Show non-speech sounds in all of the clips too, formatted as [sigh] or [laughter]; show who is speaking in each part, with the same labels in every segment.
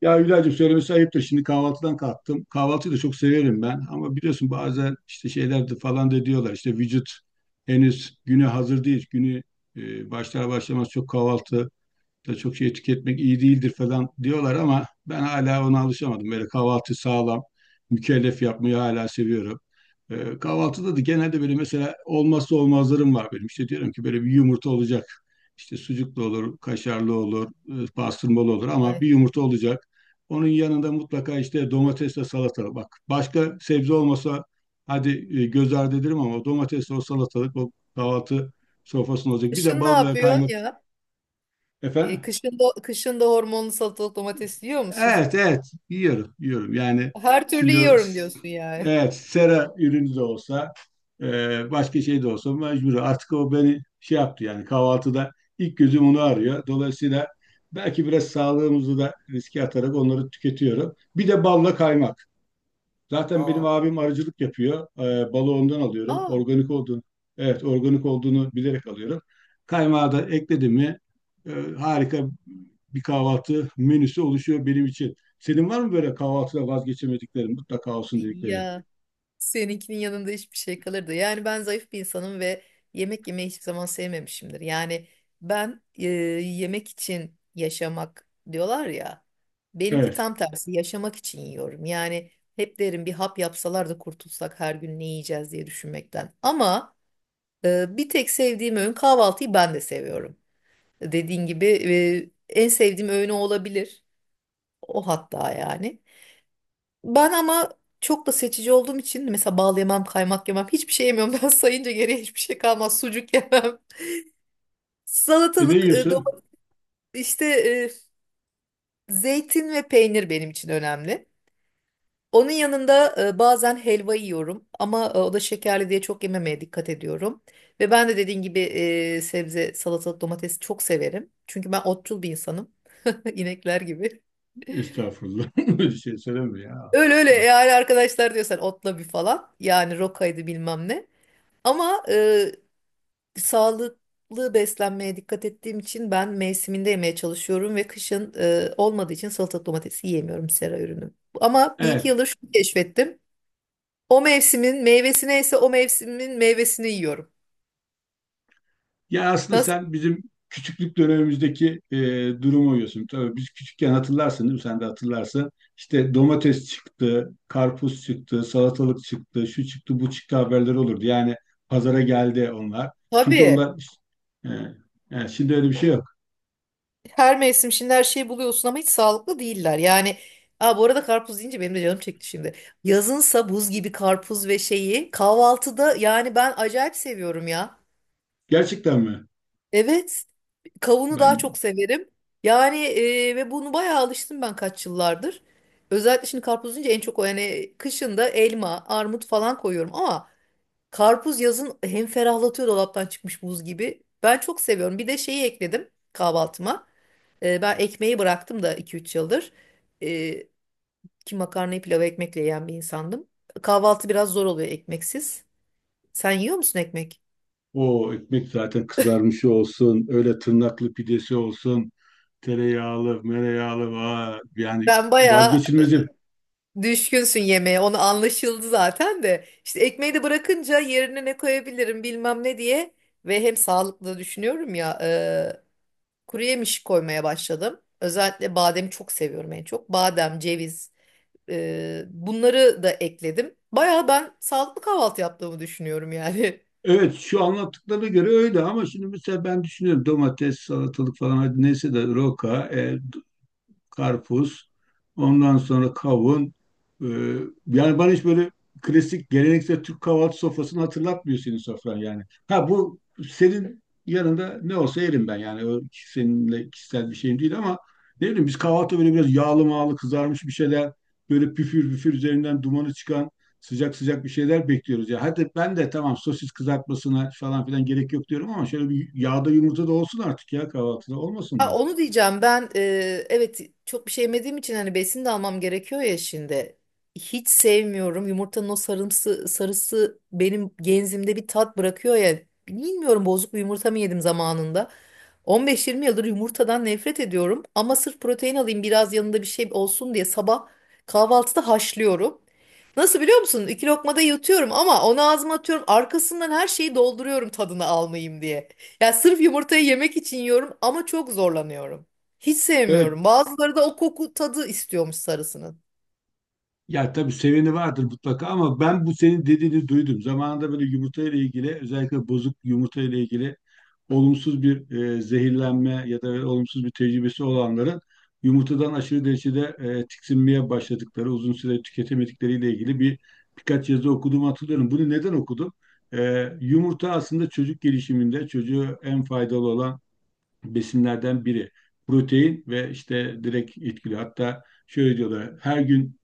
Speaker 1: Ya Hülya'cığım söylemesi ayıptır. Şimdi kahvaltıdan kalktım. Kahvaltıyı da çok severim ben. Ama biliyorsun bazen işte şeyler de falan da diyorlar. İşte vücut henüz güne hazır değil. Günü başlar başlamaz çok kahvaltı da çok şey tüketmek iyi değildir falan diyorlar ama ben hala ona alışamadım. Böyle kahvaltı sağlam, mükellef yapmayı hala seviyorum. Kahvaltıda da genelde böyle mesela olmazsa olmazlarım var benim. İşte diyorum ki böyle bir yumurta olacak. İşte sucuklu olur, kaşarlı olur, pastırmalı olur ama bir
Speaker 2: Ay.
Speaker 1: yumurta olacak. Onun yanında mutlaka işte domatesle salata. Bak başka sebze olmasa hadi göz ardı ederim ama o domatesle o salatalık o kahvaltı sofrasında olacak. Bir de
Speaker 2: Kışın ne
Speaker 1: bal ve
Speaker 2: yapıyorsun
Speaker 1: kaymak
Speaker 2: ya? E,
Speaker 1: efendim.
Speaker 2: kışın da, kışın da hormonlu salatalık domates yiyor musun?
Speaker 1: Evet, evet. Yiyorum, yiyorum. Yani
Speaker 2: [laughs] Her türlü
Speaker 1: şimdi
Speaker 2: yiyorum diyorsun yani.
Speaker 1: evet, sera ürünü de olsa, başka şey de olsa mecbur. Artık o beni şey yaptı yani kahvaltıda ilk gözüm onu arıyor. Dolayısıyla belki biraz sağlığımızı da riske atarak onları tüketiyorum. Bir de balla kaymak. Zaten benim
Speaker 2: Aa,
Speaker 1: abim arıcılık yapıyor. Balı ondan alıyorum.
Speaker 2: aa,
Speaker 1: Organik olduğunu, evet organik olduğunu bilerek alıyorum. Kaymağı da ekledim mi e, harika bir kahvaltı menüsü oluşuyor benim için. Senin var mı böyle kahvaltıda vazgeçemediklerin, mutlaka olsun dedikleri?
Speaker 2: ya seninkinin yanında hiçbir şey kalırdı. Yani ben zayıf bir insanım ve yemek yemeyi hiçbir zaman sevmemişimdir. Yani ben yemek için yaşamak diyorlar ya. Benimki
Speaker 1: Evet.
Speaker 2: tam tersi yaşamak için yiyorum. Yani hep derim bir hap yapsalar da kurtulsak her gün ne yiyeceğiz diye düşünmekten. Ama Bir tek sevdiğim öğün kahvaltıyı ben de seviyorum. Dediğin gibi en sevdiğim öğün o olabilir. O hatta yani. Ben ama çok da seçici olduğum için mesela bal yemem, kaymak yemem, hiçbir şey yemiyorum. [laughs] Ben sayınca geriye hiçbir şey kalmaz. Sucuk yemem. [laughs]
Speaker 1: E ne
Speaker 2: Salatalık,
Speaker 1: yiyorsun?
Speaker 2: domates, işte, zeytin ve peynir benim için önemli. Onun yanında bazen helva yiyorum ama o da şekerli diye çok yememeye dikkat ediyorum. Ve ben de dediğin gibi sebze, salatalık, domatesi çok severim. Çünkü ben otçul bir insanım. [laughs] İnekler gibi.
Speaker 1: Estağfurullah. [laughs] Böyle şey söyleme ya.
Speaker 2: Öyle öyle
Speaker 1: Allah.
Speaker 2: yani arkadaşlar diyorsan otla bir falan. Yani rokaydı bilmem ne. Ama sağlıklı beslenmeye dikkat ettiğim için ben mevsiminde yemeye çalışıyorum ve kışın olmadığı için salatalık domatesi yiyemiyorum sera ürünü. Ama bir iki
Speaker 1: Evet.
Speaker 2: yıldır şunu keşfettim. O mevsimin meyvesi neyse o mevsimin meyvesini yiyorum.
Speaker 1: Yani aslında
Speaker 2: Nasıl?
Speaker 1: sen bizim küçüklük dönemimizdeki durumu uyuyorsun. Tabii biz küçükken hatırlarsın değil mi? Sen de hatırlarsın. İşte domates çıktı, karpuz çıktı, salatalık çıktı, şu çıktı, bu çıktı haberleri olurdu. Yani pazara geldi onlar. Çünkü
Speaker 2: Tabii.
Speaker 1: onlar e, yani şimdi öyle bir şey yok.
Speaker 2: Her mevsim şimdi her şeyi buluyorsun ama hiç sağlıklı değiller. Yani aa, bu arada karpuz deyince benim de canım çekti şimdi. Yazınsa buz gibi karpuz ve şeyi kahvaltıda yani ben acayip seviyorum ya.
Speaker 1: Gerçekten mi?
Speaker 2: Evet, kavunu daha çok
Speaker 1: Ben
Speaker 2: severim. Yani ve bunu bayağı alıştım ben kaç yıllardır. Özellikle şimdi karpuz deyince en çok o yani kışında elma, armut falan koyuyorum ama karpuz yazın hem ferahlatıyor dolaptan çıkmış buz gibi. Ben çok seviyorum. Bir de şeyi ekledim kahvaltıma. Ben ekmeği bıraktım da iki üç yıldır. Ee, Ki makarnayı pilav ekmekle yiyen bir insandım. Kahvaltı biraz zor oluyor ekmeksiz. Sen yiyor musun ekmek?
Speaker 1: o ekmek zaten kızarmışı olsun, öyle tırnaklı pidesi olsun, tereyağlı, mereyağlı, vay, yani
Speaker 2: Ben bayağı
Speaker 1: vazgeçilmezim.
Speaker 2: düşkünsün yemeğe. Onu anlaşıldı zaten de. İşte ekmeği de bırakınca yerine ne koyabilirim bilmem ne diye. Ve hem sağlıklı da düşünüyorum ya. Kuru yemiş koymaya başladım. Özellikle bademi çok seviyorum en çok. Badem, ceviz, bunları da ekledim. Baya ben sağlıklı kahvaltı yaptığımı düşünüyorum yani. [laughs]
Speaker 1: Evet, şu anlattıklarına göre öyle ama şimdi mesela ben düşünüyorum domates, salatalık falan hadi neyse de roka, karpuz, ondan sonra kavun. Ee, Yani bana hiç böyle klasik geleneksel Türk kahvaltı sofrasını hatırlatmıyor senin sofran yani. Ha, bu senin yanında ne olsa yerim ben yani o seninle kişisel bir şeyim değil ama ne bileyim biz kahvaltı böyle biraz yağlı mağlı kızarmış bir şeyler, böyle püfür püfür üzerinden dumanı çıkan sıcak sıcak bir şeyler bekliyoruz ya. Hadi ben de tamam, sosis kızartmasına falan filan gerek yok diyorum ama şöyle bir yağda yumurta da olsun artık ya, kahvaltıda olmasın
Speaker 2: Ha,
Speaker 1: mı?
Speaker 2: onu diyeceğim ben evet çok bir şey yemediğim için hani besin de almam gerekiyor ya şimdi. Hiç sevmiyorum yumurtanın o sarımsı sarısı benim genzimde bir tat bırakıyor ya. Bilmiyorum bozuk bir yumurta mı yedim zamanında. 15-20 yıldır yumurtadan nefret ediyorum ama sırf protein alayım biraz yanında bir şey olsun diye sabah kahvaltıda haşlıyorum. Nasıl biliyor musun? İki lokmada yutuyorum ama onu ağzıma atıyorum arkasından her şeyi dolduruyorum tadını almayayım diye. Ya sırf yumurtayı yemek için yiyorum ama çok zorlanıyorum. Hiç
Speaker 1: Evet.
Speaker 2: sevmiyorum. Bazıları da o koku tadı istiyormuş sarısının.
Speaker 1: Ya tabii, seveni vardır mutlaka ama ben bu senin dediğini duydum. Zamanında böyle yumurta ile ilgili, özellikle bozuk yumurta ile ilgili olumsuz bir zehirlenme ya da olumsuz bir tecrübesi olanların yumurtadan aşırı derecede tiksinmeye başladıkları, uzun süre tüketemedikleriyle ilgili bir birkaç yazı okuduğumu hatırlıyorum. Bunu neden okudum? Yumurta aslında çocuk gelişiminde çocuğu en faydalı olan besinlerden biri. Protein ve işte direkt etkili. Hatta şöyle diyorlar, her gün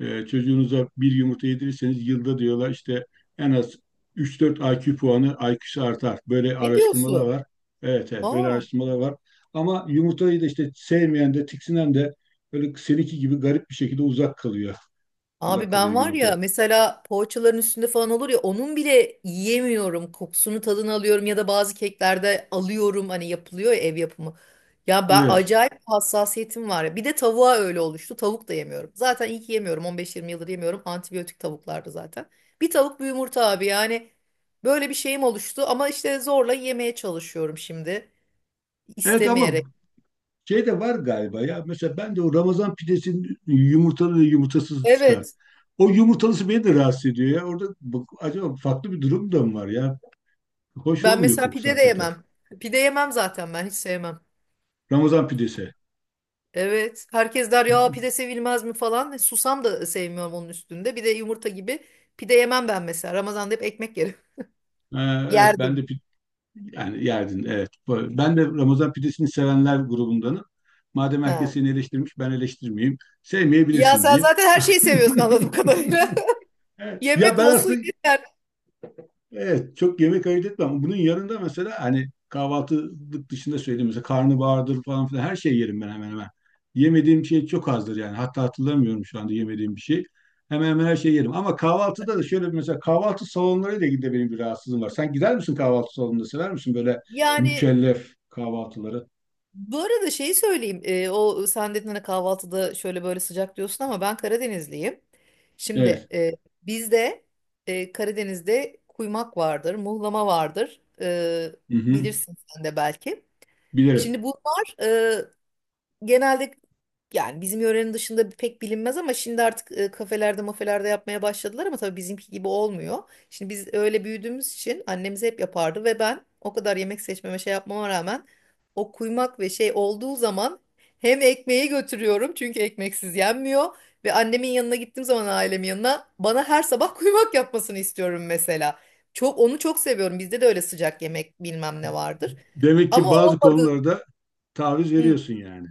Speaker 1: çocuğunuza bir yumurta yedirirseniz yılda diyorlar işte en az 3-4 IQ puanı IQ'su artar. Böyle
Speaker 2: Ne
Speaker 1: araştırmalar
Speaker 2: diyorsun?
Speaker 1: var. Evet, evet
Speaker 2: Ha.
Speaker 1: böyle araştırmalar var. Ama yumurtayı da işte sevmeyen de tiksinen de böyle seninki gibi garip bir şekilde uzak kalıyor. Uzak
Speaker 2: Abi
Speaker 1: kalıyor
Speaker 2: ben var
Speaker 1: yumurta.
Speaker 2: ya mesela poğaçaların üstünde falan olur ya onun bile yiyemiyorum. Kokusunu tadını alıyorum ya da bazı keklerde alıyorum hani yapılıyor ya ev yapımı. Ya ben
Speaker 1: Evet.
Speaker 2: acayip hassasiyetim var ya. Bir de tavuğa öyle oluştu. Tavuk da yemiyorum. Zaten iyi ki yemiyorum. 15-20 yıldır yemiyorum. Antibiyotik tavuklardı zaten. Bir tavuk bir yumurta abi yani böyle bir şeyim oluştu ama işte zorla yemeye çalışıyorum şimdi
Speaker 1: Evet ama
Speaker 2: istemeyerek.
Speaker 1: şey de var galiba ya. Mesela ben de o Ramazan pidesinin yumurtalı ve yumurtasız çıkar.
Speaker 2: Evet
Speaker 1: O yumurtalısı beni de rahatsız ediyor ya. Orada acaba farklı bir durum da mı var ya? Hoş
Speaker 2: ben
Speaker 1: olmuyor
Speaker 2: mesela
Speaker 1: kokusu
Speaker 2: pide de
Speaker 1: hakikaten.
Speaker 2: yemem. Pide yemem zaten ben hiç sevmem.
Speaker 1: Ramazan pidesi.
Speaker 2: Evet. Herkes der ya
Speaker 1: Ee,
Speaker 2: pide sevilmez mi falan. Susam da sevmiyorum onun üstünde. Bir de yumurta gibi pide yemem ben mesela. Ramazan'da hep ekmek yerim. [laughs]
Speaker 1: evet,
Speaker 2: Yerdim.
Speaker 1: yani yerdin, evet. Ben de Ramazan pidesini sevenler grubundanım. Madem herkes
Speaker 2: Ha.
Speaker 1: seni eleştirmiş ben eleştirmeyeyim.
Speaker 2: Ya
Speaker 1: Sevmeyebilirsin
Speaker 2: sen
Speaker 1: diyeyim.
Speaker 2: zaten her şeyi seviyorsun anladığım kadarıyla.
Speaker 1: [laughs]
Speaker 2: [laughs]
Speaker 1: Evet. Ya
Speaker 2: Yemek
Speaker 1: ben
Speaker 2: olsun
Speaker 1: aslında
Speaker 2: yeter.
Speaker 1: evet, çok yemek ayırt etmem. Bunun yanında mesela hani kahvaltılık dışında söyleyeyim, mesela karnabahardır falan filan her şey yerim ben hemen hemen. Yemediğim şey çok azdır yani. Hatta hatırlamıyorum şu anda yemediğim bir şey. Hemen hemen her şeyi yerim. Ama kahvaltıda da şöyle bir, mesela kahvaltı salonlarıyla ilgili de benim bir rahatsızlığım var. Sen gider misin kahvaltı salonunda? Sever misin böyle
Speaker 2: Yani
Speaker 1: mükellef kahvaltıları?
Speaker 2: bu arada şeyi söyleyeyim. O sen dedin hani kahvaltıda şöyle böyle sıcak diyorsun ama ben Karadenizliyim.
Speaker 1: Evet.
Speaker 2: Şimdi bizde Karadeniz'de kuymak vardır, muhlama vardır.
Speaker 1: Hı hı.
Speaker 2: Bilirsin sen de belki.
Speaker 1: Bilirim.
Speaker 2: Şimdi bu var. Genelde yani bizim yörenin dışında pek bilinmez ama şimdi artık kafelerde mafelerde yapmaya başladılar ama tabii bizimki gibi olmuyor. Şimdi biz öyle büyüdüğümüz için annemiz hep yapardı ve ben o kadar yemek seçmeme şey yapmama rağmen o kuymak ve şey olduğu zaman hem ekmeği götürüyorum çünkü ekmeksiz yenmiyor ve annemin yanına gittiğim zaman ailemin yanına bana her sabah kuymak yapmasını istiyorum mesela. Çok onu çok seviyorum. Bizde de öyle sıcak yemek bilmem ne vardır.
Speaker 1: Demek
Speaker 2: Ama
Speaker 1: ki
Speaker 2: o
Speaker 1: bazı
Speaker 2: olmadı.
Speaker 1: konularda taviz
Speaker 2: Hı.
Speaker 1: veriyorsun yani.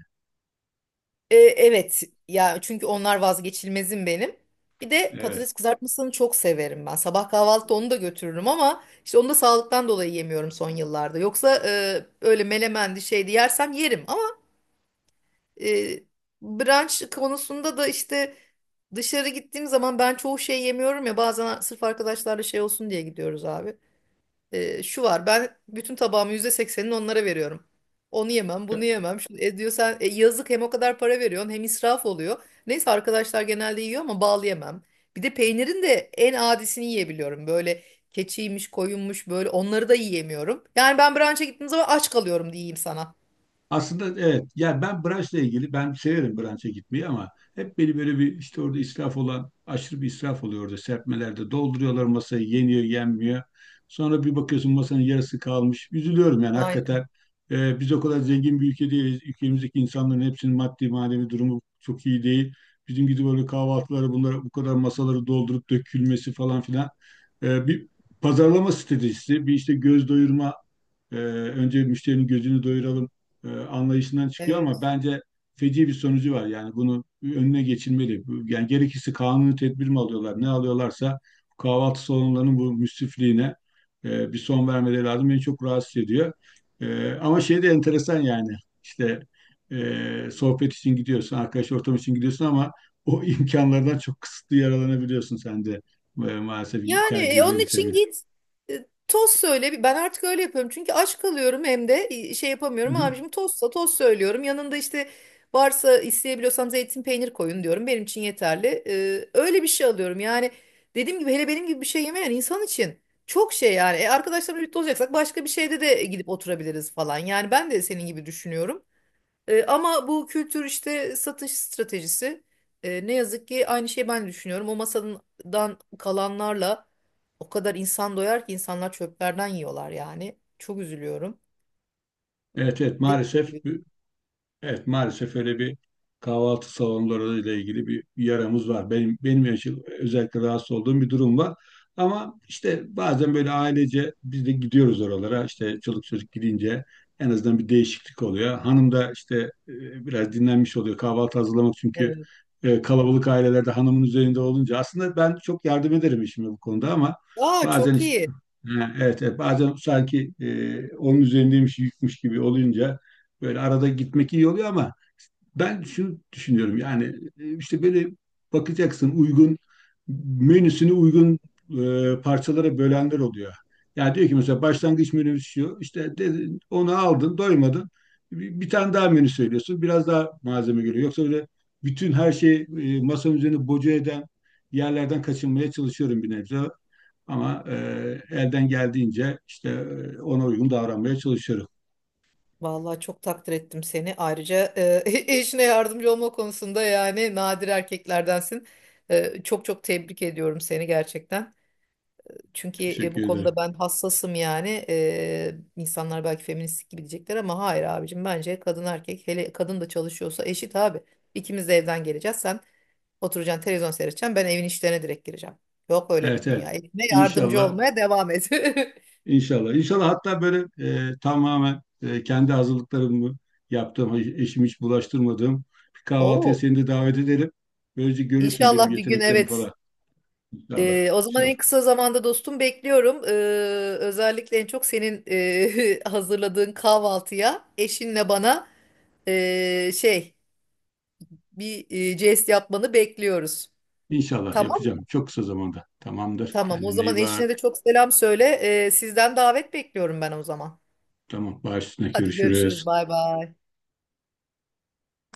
Speaker 2: Evet ya çünkü onlar vazgeçilmezim benim. Bir de
Speaker 1: Evet.
Speaker 2: patates kızartmasını çok severim ben. Sabah kahvaltıda onu da götürürüm ama işte onu da sağlıktan dolayı yemiyorum son yıllarda. Yoksa öyle melemendi şeydi yersem yerim ama e, brunch konusunda da işte dışarı gittiğim zaman ben çoğu şey yemiyorum ya bazen sırf arkadaşlarla şey olsun diye gidiyoruz abi. Şu var ben bütün tabağımı %80'ini onlara veriyorum. Onu yemem, bunu yemem. Şunu, diyor sen yazık hem o kadar para veriyorsun hem israf oluyor. Neyse arkadaşlar genelde yiyor ama bal yemem. Bir de peynirin de en adisini yiyebiliyorum. Böyle keçiymiş, koyunmuş böyle onları da yiyemiyorum. Yani ben brunch'a gittiğim zaman aç kalıyorum diyeyim sana.
Speaker 1: Aslında evet. Yani ben branşla ilgili, ben severim branşa gitmeyi ama hep beni böyle bir, işte orada israf olan, aşırı bir israf oluyor orada serpmelerde. Dolduruyorlar masayı, yeniyor yenmiyor. Sonra bir bakıyorsun masanın yarısı kalmış. Üzülüyorum yani
Speaker 2: Aynen
Speaker 1: hakikaten. Biz o kadar zengin bir ülke değiliz. Ülkemizdeki insanların hepsinin maddi manevi durumu çok iyi değil. Bizim gibi böyle kahvaltıları, bunlara bu kadar masaları doldurup dökülmesi falan filan. Bir pazarlama stratejisi, bir işte göz doyurma, önce müşterinin gözünü doyuralım anlayışından çıkıyor ama
Speaker 2: evet.
Speaker 1: bence feci bir sonucu var. Yani bunu önüne geçilmeli. Yani gerekirse kanuni tedbir mi alıyorlar, ne alıyorlarsa, kahvaltı salonlarının bu müsrifliğine bir son vermeleri lazım. Beni çok rahatsız ediyor. Ama şey de enteresan yani, işte sohbet için gidiyorsun, arkadaş ortamı için gidiyorsun ama o [laughs] imkanlardan çok kısıtlı yararlanabiliyorsun sen de, maalesef
Speaker 2: Yani onun
Speaker 1: tercihleri
Speaker 2: için
Speaker 1: sebebiyle.
Speaker 2: git tost söyle. Bir- Ben artık öyle yapıyorum. Çünkü aç kalıyorum hem de şey
Speaker 1: Hı
Speaker 2: yapamıyorum.
Speaker 1: hı.
Speaker 2: Abicim tostsa tost söylüyorum. Yanında işte varsa isteyebiliyorsam zeytin peynir koyun diyorum. Benim için yeterli. Öyle bir şey alıyorum. Yani dediğim gibi hele benim gibi bir şey yemeyen insan için çok şey yani. Arkadaşlarımla birlikte olacaksak başka bir şeyde de gidip oturabiliriz falan. Yani ben de senin gibi düşünüyorum. Ama bu kültür işte satış stratejisi. Ne yazık ki aynı şeyi ben de düşünüyorum. O masadan kalanlarla o kadar insan doyar ki insanlar çöplerden yiyorlar yani. Çok üzülüyorum.
Speaker 1: Evet, evet,
Speaker 2: Dediğim
Speaker 1: maalesef.
Speaker 2: gibi.
Speaker 1: Evet, maalesef öyle bir, kahvaltı salonları ile ilgili bir yaramız var. Benim yaşım, özellikle rahatsız olduğum bir durum var. Ama işte bazen böyle ailece biz de gidiyoruz oralara. İşte çoluk çocuk gidince en azından bir değişiklik oluyor. Hanım da işte biraz dinlenmiş oluyor, kahvaltı hazırlamak çünkü
Speaker 2: Evet.
Speaker 1: kalabalık ailelerde hanımın üzerinde olunca. Aslında ben çok yardım ederim eşime bu konuda ama
Speaker 2: Aa
Speaker 1: bazen
Speaker 2: çok
Speaker 1: işte.
Speaker 2: iyi.
Speaker 1: Ha, evet, evet, bazen sanki onun üzerindeymiş, yükmüş gibi olunca. Böyle arada gitmek iyi oluyor ama ben şunu düşünüyorum yani, işte böyle bakacaksın, uygun menüsünü uygun parçalara bölenler oluyor. Yani diyor ki mesela, başlangıç menüsü şu işte dedin, onu aldın doymadın, bir tane daha menü söylüyorsun, biraz daha malzeme geliyor. Yoksa öyle bütün her şey masanın üzerine boca eden yerlerden kaçınmaya çalışıyorum bir nebze ama elden geldiğince işte ona uygun davranmaya çalışıyorum.
Speaker 2: Vallahi çok takdir ettim seni. Ayrıca [laughs] eşine yardımcı olma konusunda yani nadir erkeklerdensin. Çok çok tebrik ediyorum seni gerçekten. Çünkü bu
Speaker 1: Teşekkür ederim.
Speaker 2: konuda ben hassasım yani. İnsanlar belki feministlik gibi diyecekler ama hayır abicim bence kadın erkek hele kadın da çalışıyorsa eşit abi. İkimiz de evden geleceğiz. Sen oturacaksın televizyon seyredeceksin. Ben evin işlerine direkt gireceğim. Yok öyle bir
Speaker 1: Evet, evet.
Speaker 2: dünya. Eline yardımcı
Speaker 1: İnşallah,
Speaker 2: olmaya devam et.
Speaker 1: inşallah. İnşallah hatta böyle tamamen kendi hazırlıklarımı yaptığım, eşimi hiç bulaştırmadığım bir
Speaker 2: [laughs]
Speaker 1: kahvaltıya
Speaker 2: Oo,
Speaker 1: seni de davet edelim. Böylece görürsün benim
Speaker 2: inşallah bir gün
Speaker 1: yeteneklerim
Speaker 2: evet.
Speaker 1: falan. İnşallah,
Speaker 2: O zaman
Speaker 1: inşallah.
Speaker 2: en kısa zamanda dostum bekliyorum. Özellikle en çok senin [laughs] hazırladığın kahvaltıya eşinle bana eee, şey bir jest yapmanı bekliyoruz.
Speaker 1: İnşallah
Speaker 2: Tamam,
Speaker 1: yapacağım. Çok kısa zamanda. Tamamdır.
Speaker 2: tamam. O
Speaker 1: Kendine iyi
Speaker 2: zaman eşine de
Speaker 1: bak.
Speaker 2: çok selam söyle. Sizden davet bekliyorum ben o zaman.
Speaker 1: Tamam, baş üstüne.
Speaker 2: Hadi
Speaker 1: Görüşürüz.
Speaker 2: görüşürüz. Bay bay.